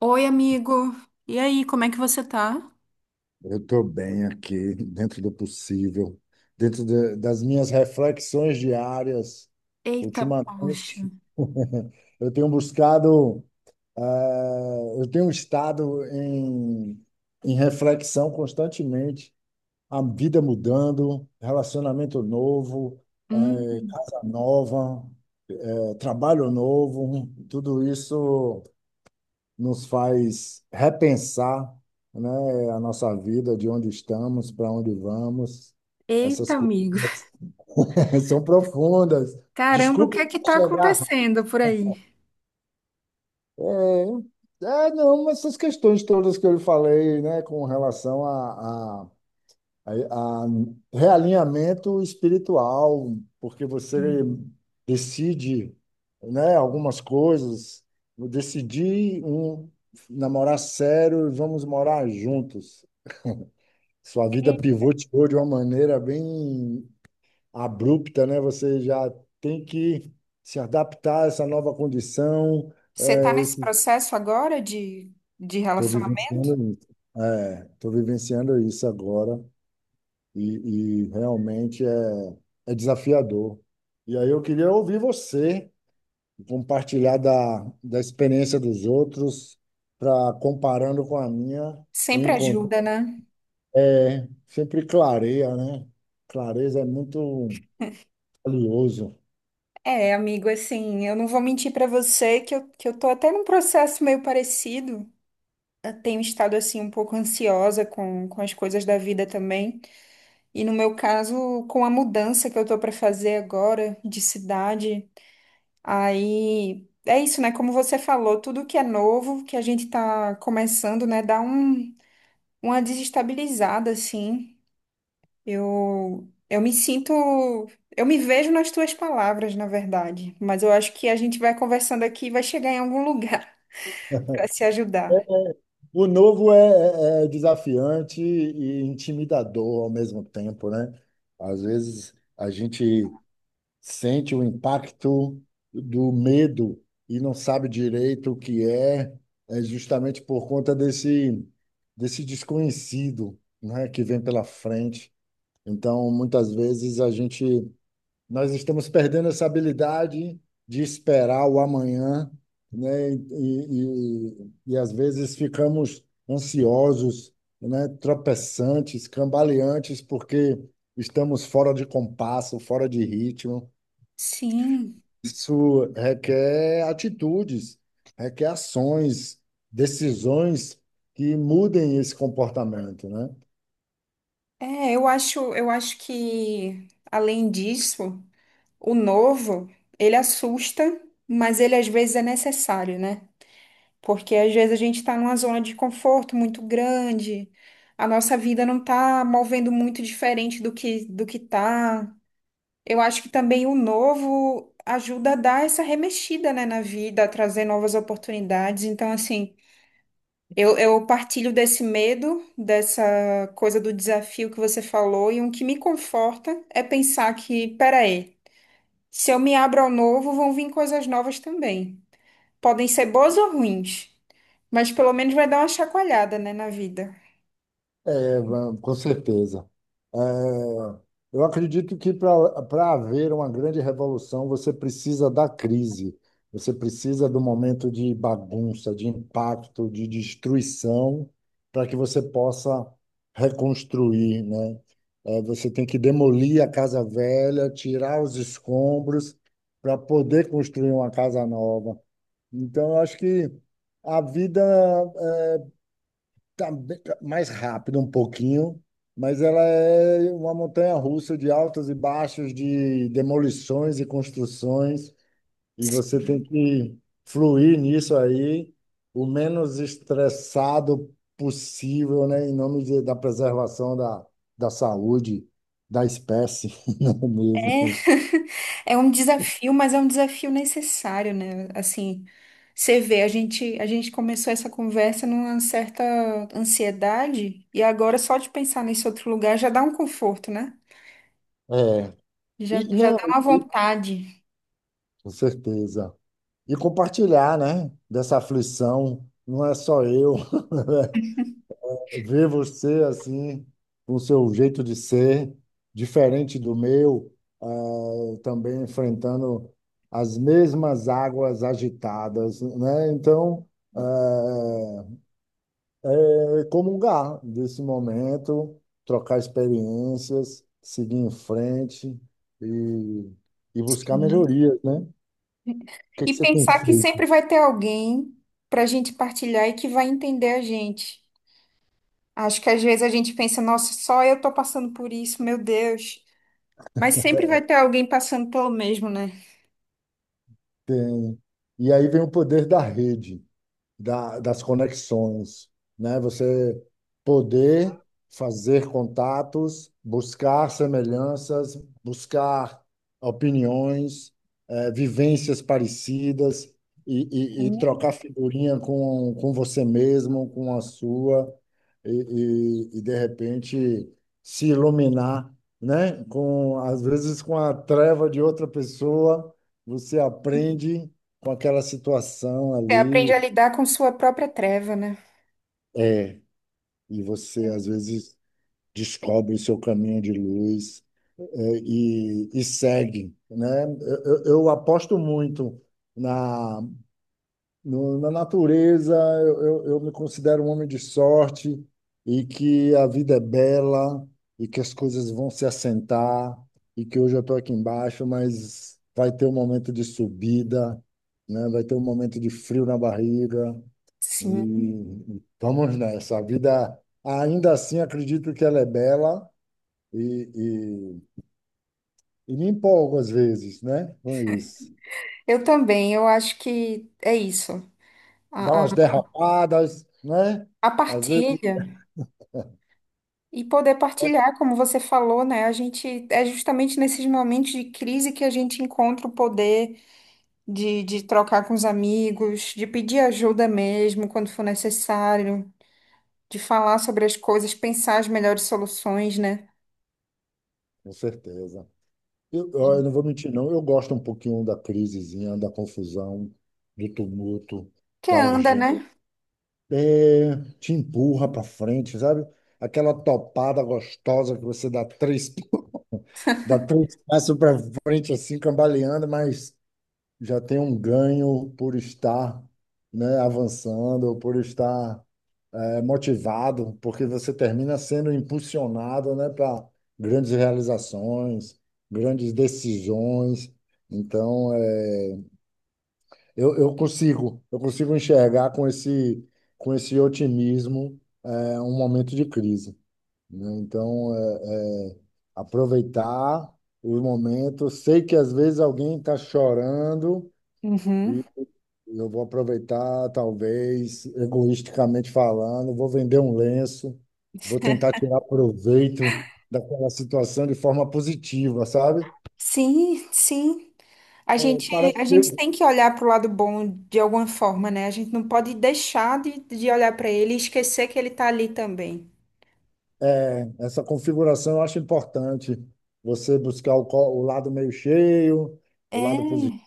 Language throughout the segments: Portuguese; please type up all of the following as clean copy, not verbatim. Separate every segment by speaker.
Speaker 1: Oi, amigo. E aí, como é que você tá?
Speaker 2: Eu estou bem aqui, dentro do possível, das minhas reflexões diárias.
Speaker 1: Eita, poxa.
Speaker 2: Ultimamente, eu tenho buscado, eh, eu tenho estado em reflexão constantemente, a vida mudando, relacionamento novo,
Speaker 1: Hum,
Speaker 2: casa nova, trabalho novo, tudo isso nos faz repensar, né, a nossa vida, de onde estamos, para onde vamos.
Speaker 1: eita,
Speaker 2: Essas coisas
Speaker 1: amigo.
Speaker 2: são profundas.
Speaker 1: Caramba, o
Speaker 2: Desculpe
Speaker 1: que é que tá
Speaker 2: chegar.
Speaker 1: acontecendo por aí?
Speaker 2: É, é, não, essas questões todas que eu lhe falei, né, com relação a realinhamento espiritual, porque você
Speaker 1: Hum.
Speaker 2: decide, né, algumas coisas. Eu decidi um, namorar sério e vamos morar juntos. Sua vida pivotou de uma maneira bem abrupta, né? Você já tem que se adaptar a essa nova condição.
Speaker 1: Você tá
Speaker 2: É,
Speaker 1: nesse
Speaker 2: estou
Speaker 1: processo agora de relacionamento?
Speaker 2: vivenciando isso. É, estou vivenciando isso agora e realmente é desafiador. E aí eu queria ouvir você compartilhar da experiência dos outros para comparando com a minha, eu
Speaker 1: Sempre
Speaker 2: encontro
Speaker 1: ajuda, né?
Speaker 2: é, sempre clareia, né? Clareza é muito valioso.
Speaker 1: É, amigo, assim, eu não vou mentir pra você que que eu tô até num processo meio parecido. Eu tenho estado, assim, um pouco ansiosa com as coisas da vida também. E no meu caso, com a mudança que eu tô pra fazer agora de cidade. Aí é isso, né? Como você falou, tudo que é novo, que a gente tá começando, né, dá um, uma desestabilizada, assim. Eu me sinto, eu me vejo nas tuas palavras, na verdade. Mas eu acho que a gente vai conversando aqui e vai chegar em algum lugar para se ajudar.
Speaker 2: O novo é, é desafiante e intimidador ao mesmo tempo, né? Às vezes a gente sente o impacto do medo e não sabe direito o que é, é justamente por conta desse desconhecido, né, que vem pela frente. Então, muitas vezes a gente Nós estamos perdendo essa habilidade de esperar o amanhã, né? E às vezes ficamos ansiosos, né? Tropeçantes, cambaleantes, porque estamos fora de compasso, fora de ritmo.
Speaker 1: Sim,
Speaker 2: Isso requer atitudes, requer ações, decisões que mudem esse comportamento, né?
Speaker 1: é, eu acho que além disso, o novo, ele assusta, mas ele às vezes é necessário, né? Porque às vezes a gente está numa zona de conforto muito grande, a nossa vida não está movendo muito diferente do que tá. Eu acho que também o novo ajuda a dar essa remexida, né, na vida, a trazer novas oportunidades. Então, assim, eu partilho desse medo, dessa coisa do desafio que você falou, e um que me conforta é pensar que, peraí, se eu me abro ao novo, vão vir coisas novas também. Podem ser boas ou ruins, mas pelo menos vai dar uma chacoalhada, né, na vida.
Speaker 2: É, com certeza. É, eu acredito que para haver uma grande revolução, você precisa da crise, você precisa do momento de bagunça, de impacto, de destruição, para que você possa reconstruir, né? É, você tem que demolir a casa velha, tirar os escombros para poder construir uma casa nova. Então, eu acho que a vida tá mais rápido um pouquinho, mas ela é uma montanha russa de altos e baixos, de demolições e construções, e você tem que fluir nisso aí o menos estressado possível, né, em nome da preservação da, da saúde da espécie, não é
Speaker 1: É,
Speaker 2: mesmo?
Speaker 1: é um desafio, mas é um desafio necessário, né? Assim, você vê, a gente começou essa conversa numa certa ansiedade, e agora só de pensar nesse outro lugar já dá um conforto, né?
Speaker 2: É.
Speaker 1: Já,
Speaker 2: E,
Speaker 1: já dá
Speaker 2: não,
Speaker 1: uma
Speaker 2: e,
Speaker 1: vontade.
Speaker 2: com certeza. E compartilhar, né, dessa aflição, não é só eu. Ver você assim, com o seu jeito de ser, diferente do meu, também enfrentando as mesmas águas agitadas, né? Então, eh, é comungar desse momento, trocar experiências, seguir em frente e, e buscar
Speaker 1: Sim.
Speaker 2: melhorias, né? O que que
Speaker 1: E
Speaker 2: você tem
Speaker 1: pensar que
Speaker 2: feito?
Speaker 1: sempre vai ter alguém para a gente partilhar e que vai entender a gente. Acho que às vezes a gente pensa, nossa, só eu tô passando por isso, meu Deus. Mas sempre vai ter alguém passando pelo mesmo, né?
Speaker 2: Tem... E aí vem o poder da rede. Das conexões, né? Você poder fazer contatos, buscar semelhanças, buscar opiniões, vivências parecidas e trocar figurinha com você mesmo, com a sua, e, e, de repente se iluminar, né? Com, às vezes com a treva de outra pessoa, você aprende com aquela situação
Speaker 1: Você aprende a
Speaker 2: ali
Speaker 1: lidar com sua própria treva, né?
Speaker 2: é, e você às vezes descobre o seu caminho de luz é, e segue, né? Eu aposto muito na, na natureza, eu me considero um homem de sorte e que a vida é bela e que as coisas vão se assentar e que hoje eu estou aqui embaixo, mas vai ter um momento de subida, né? Vai ter um momento de frio na barriga,
Speaker 1: Sim.
Speaker 2: e vamos nessa. A vida, ainda assim, acredito que ela é bela e, e me empolgo às vezes, né? Com isso.
Speaker 1: Eu também, eu acho que é isso.
Speaker 2: Dá
Speaker 1: A, a,
Speaker 2: umas derrapadas, né?
Speaker 1: a
Speaker 2: Às vezes,
Speaker 1: partilha e poder partilhar, como você falou, né? A gente é justamente nesses momentos de crise que a gente encontra o poder de trocar com os amigos, de pedir ajuda mesmo quando for necessário, de falar sobre as coisas, pensar as melhores soluções, né?
Speaker 2: com certeza. Eu, ó, eu não vou mentir, não. Eu gosto um pouquinho da crisezinha, da confusão, do tumulto,
Speaker 1: Que
Speaker 2: da
Speaker 1: anda,
Speaker 2: urgência.
Speaker 1: né?
Speaker 2: É, te empurra para frente, sabe? Aquela topada gostosa que você dá três, dá três passos para frente, assim, cambaleando, mas já tem um ganho por estar, né, avançando, por estar é, motivado, porque você termina sendo impulsionado, né, para grandes realizações, grandes decisões. Então, é, eu consigo enxergar com esse otimismo é um momento de crise, né? Então, é, é aproveitar os momentos. Sei que às vezes alguém está chorando e
Speaker 1: Uhum.
Speaker 2: eu vou aproveitar, talvez, egoisticamente falando, vou vender um lenço, vou tentar tirar proveito daquela situação de forma positiva, sabe?
Speaker 1: Sim. A gente,
Speaker 2: Parece
Speaker 1: a gente
Speaker 2: que
Speaker 1: tem que olhar para o lado bom de alguma forma, né? A gente não pode deixar de olhar para ele e esquecer que ele tá ali também.
Speaker 2: é, essa configuração eu acho importante. Você buscar o, o lado meio cheio, o lado positivo,
Speaker 1: É.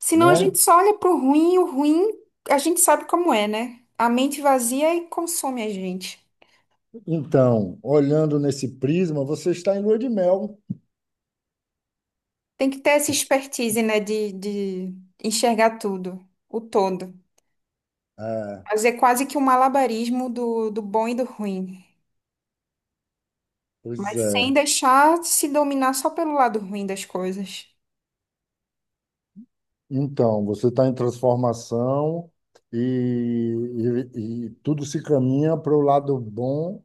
Speaker 1: Senão a gente
Speaker 2: né?
Speaker 1: só olha para o ruim e o ruim a gente sabe como é, né? A mente vazia e consome a gente.
Speaker 2: Então, olhando nesse prisma, você está em lua de mel.
Speaker 1: Tem que ter essa expertise, né? De enxergar tudo, o todo.
Speaker 2: É,
Speaker 1: Fazer quase que um malabarismo do, do bom e do ruim.
Speaker 2: pois
Speaker 1: Mas sem
Speaker 2: é.
Speaker 1: deixar se dominar só pelo lado ruim das coisas.
Speaker 2: Então, você está em transformação e, e tudo se caminha para o lado bom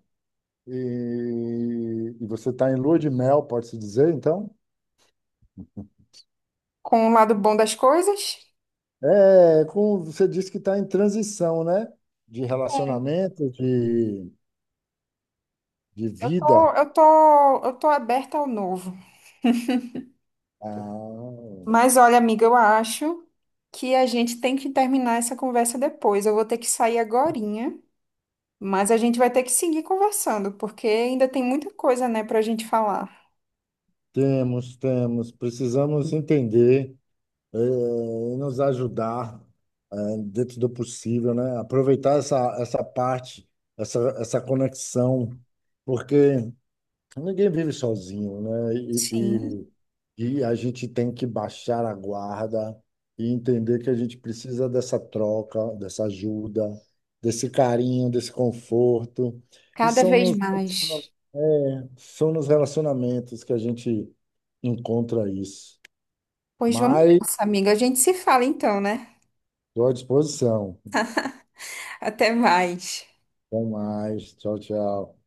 Speaker 2: e você está em lua de mel, pode-se dizer, então?
Speaker 1: Com o lado bom das coisas,
Speaker 2: É, como você disse que está em transição, né? De relacionamento, de
Speaker 1: eu tô,
Speaker 2: vida.
Speaker 1: eu tô, eu tô aberta ao novo.
Speaker 2: Ah,
Speaker 1: Mas olha, amiga, eu acho que a gente tem que terminar essa conversa depois. Eu vou ter que sair agorinha, mas a gente vai ter que seguir conversando, porque ainda tem muita coisa, né, pra gente falar.
Speaker 2: temos, temos. Precisamos entender. Eh, e nos ajudar, eh, dentro do possível, né? Aproveitar essa, essa parte, essa conexão, porque ninguém vive sozinho, né?
Speaker 1: Sim,
Speaker 2: E a gente tem que baixar a guarda e entender que a gente precisa dessa troca, dessa ajuda, desse carinho, desse conforto. E
Speaker 1: cada
Speaker 2: são
Speaker 1: vez
Speaker 2: nos,
Speaker 1: mais.
Speaker 2: é, são nos relacionamentos que a gente encontra isso.
Speaker 1: Pois vamos
Speaker 2: Mas
Speaker 1: nessa, amiga. A gente se fala então, né?
Speaker 2: estou à disposição.
Speaker 1: Até mais.
Speaker 2: Até mais. Tchau, tchau.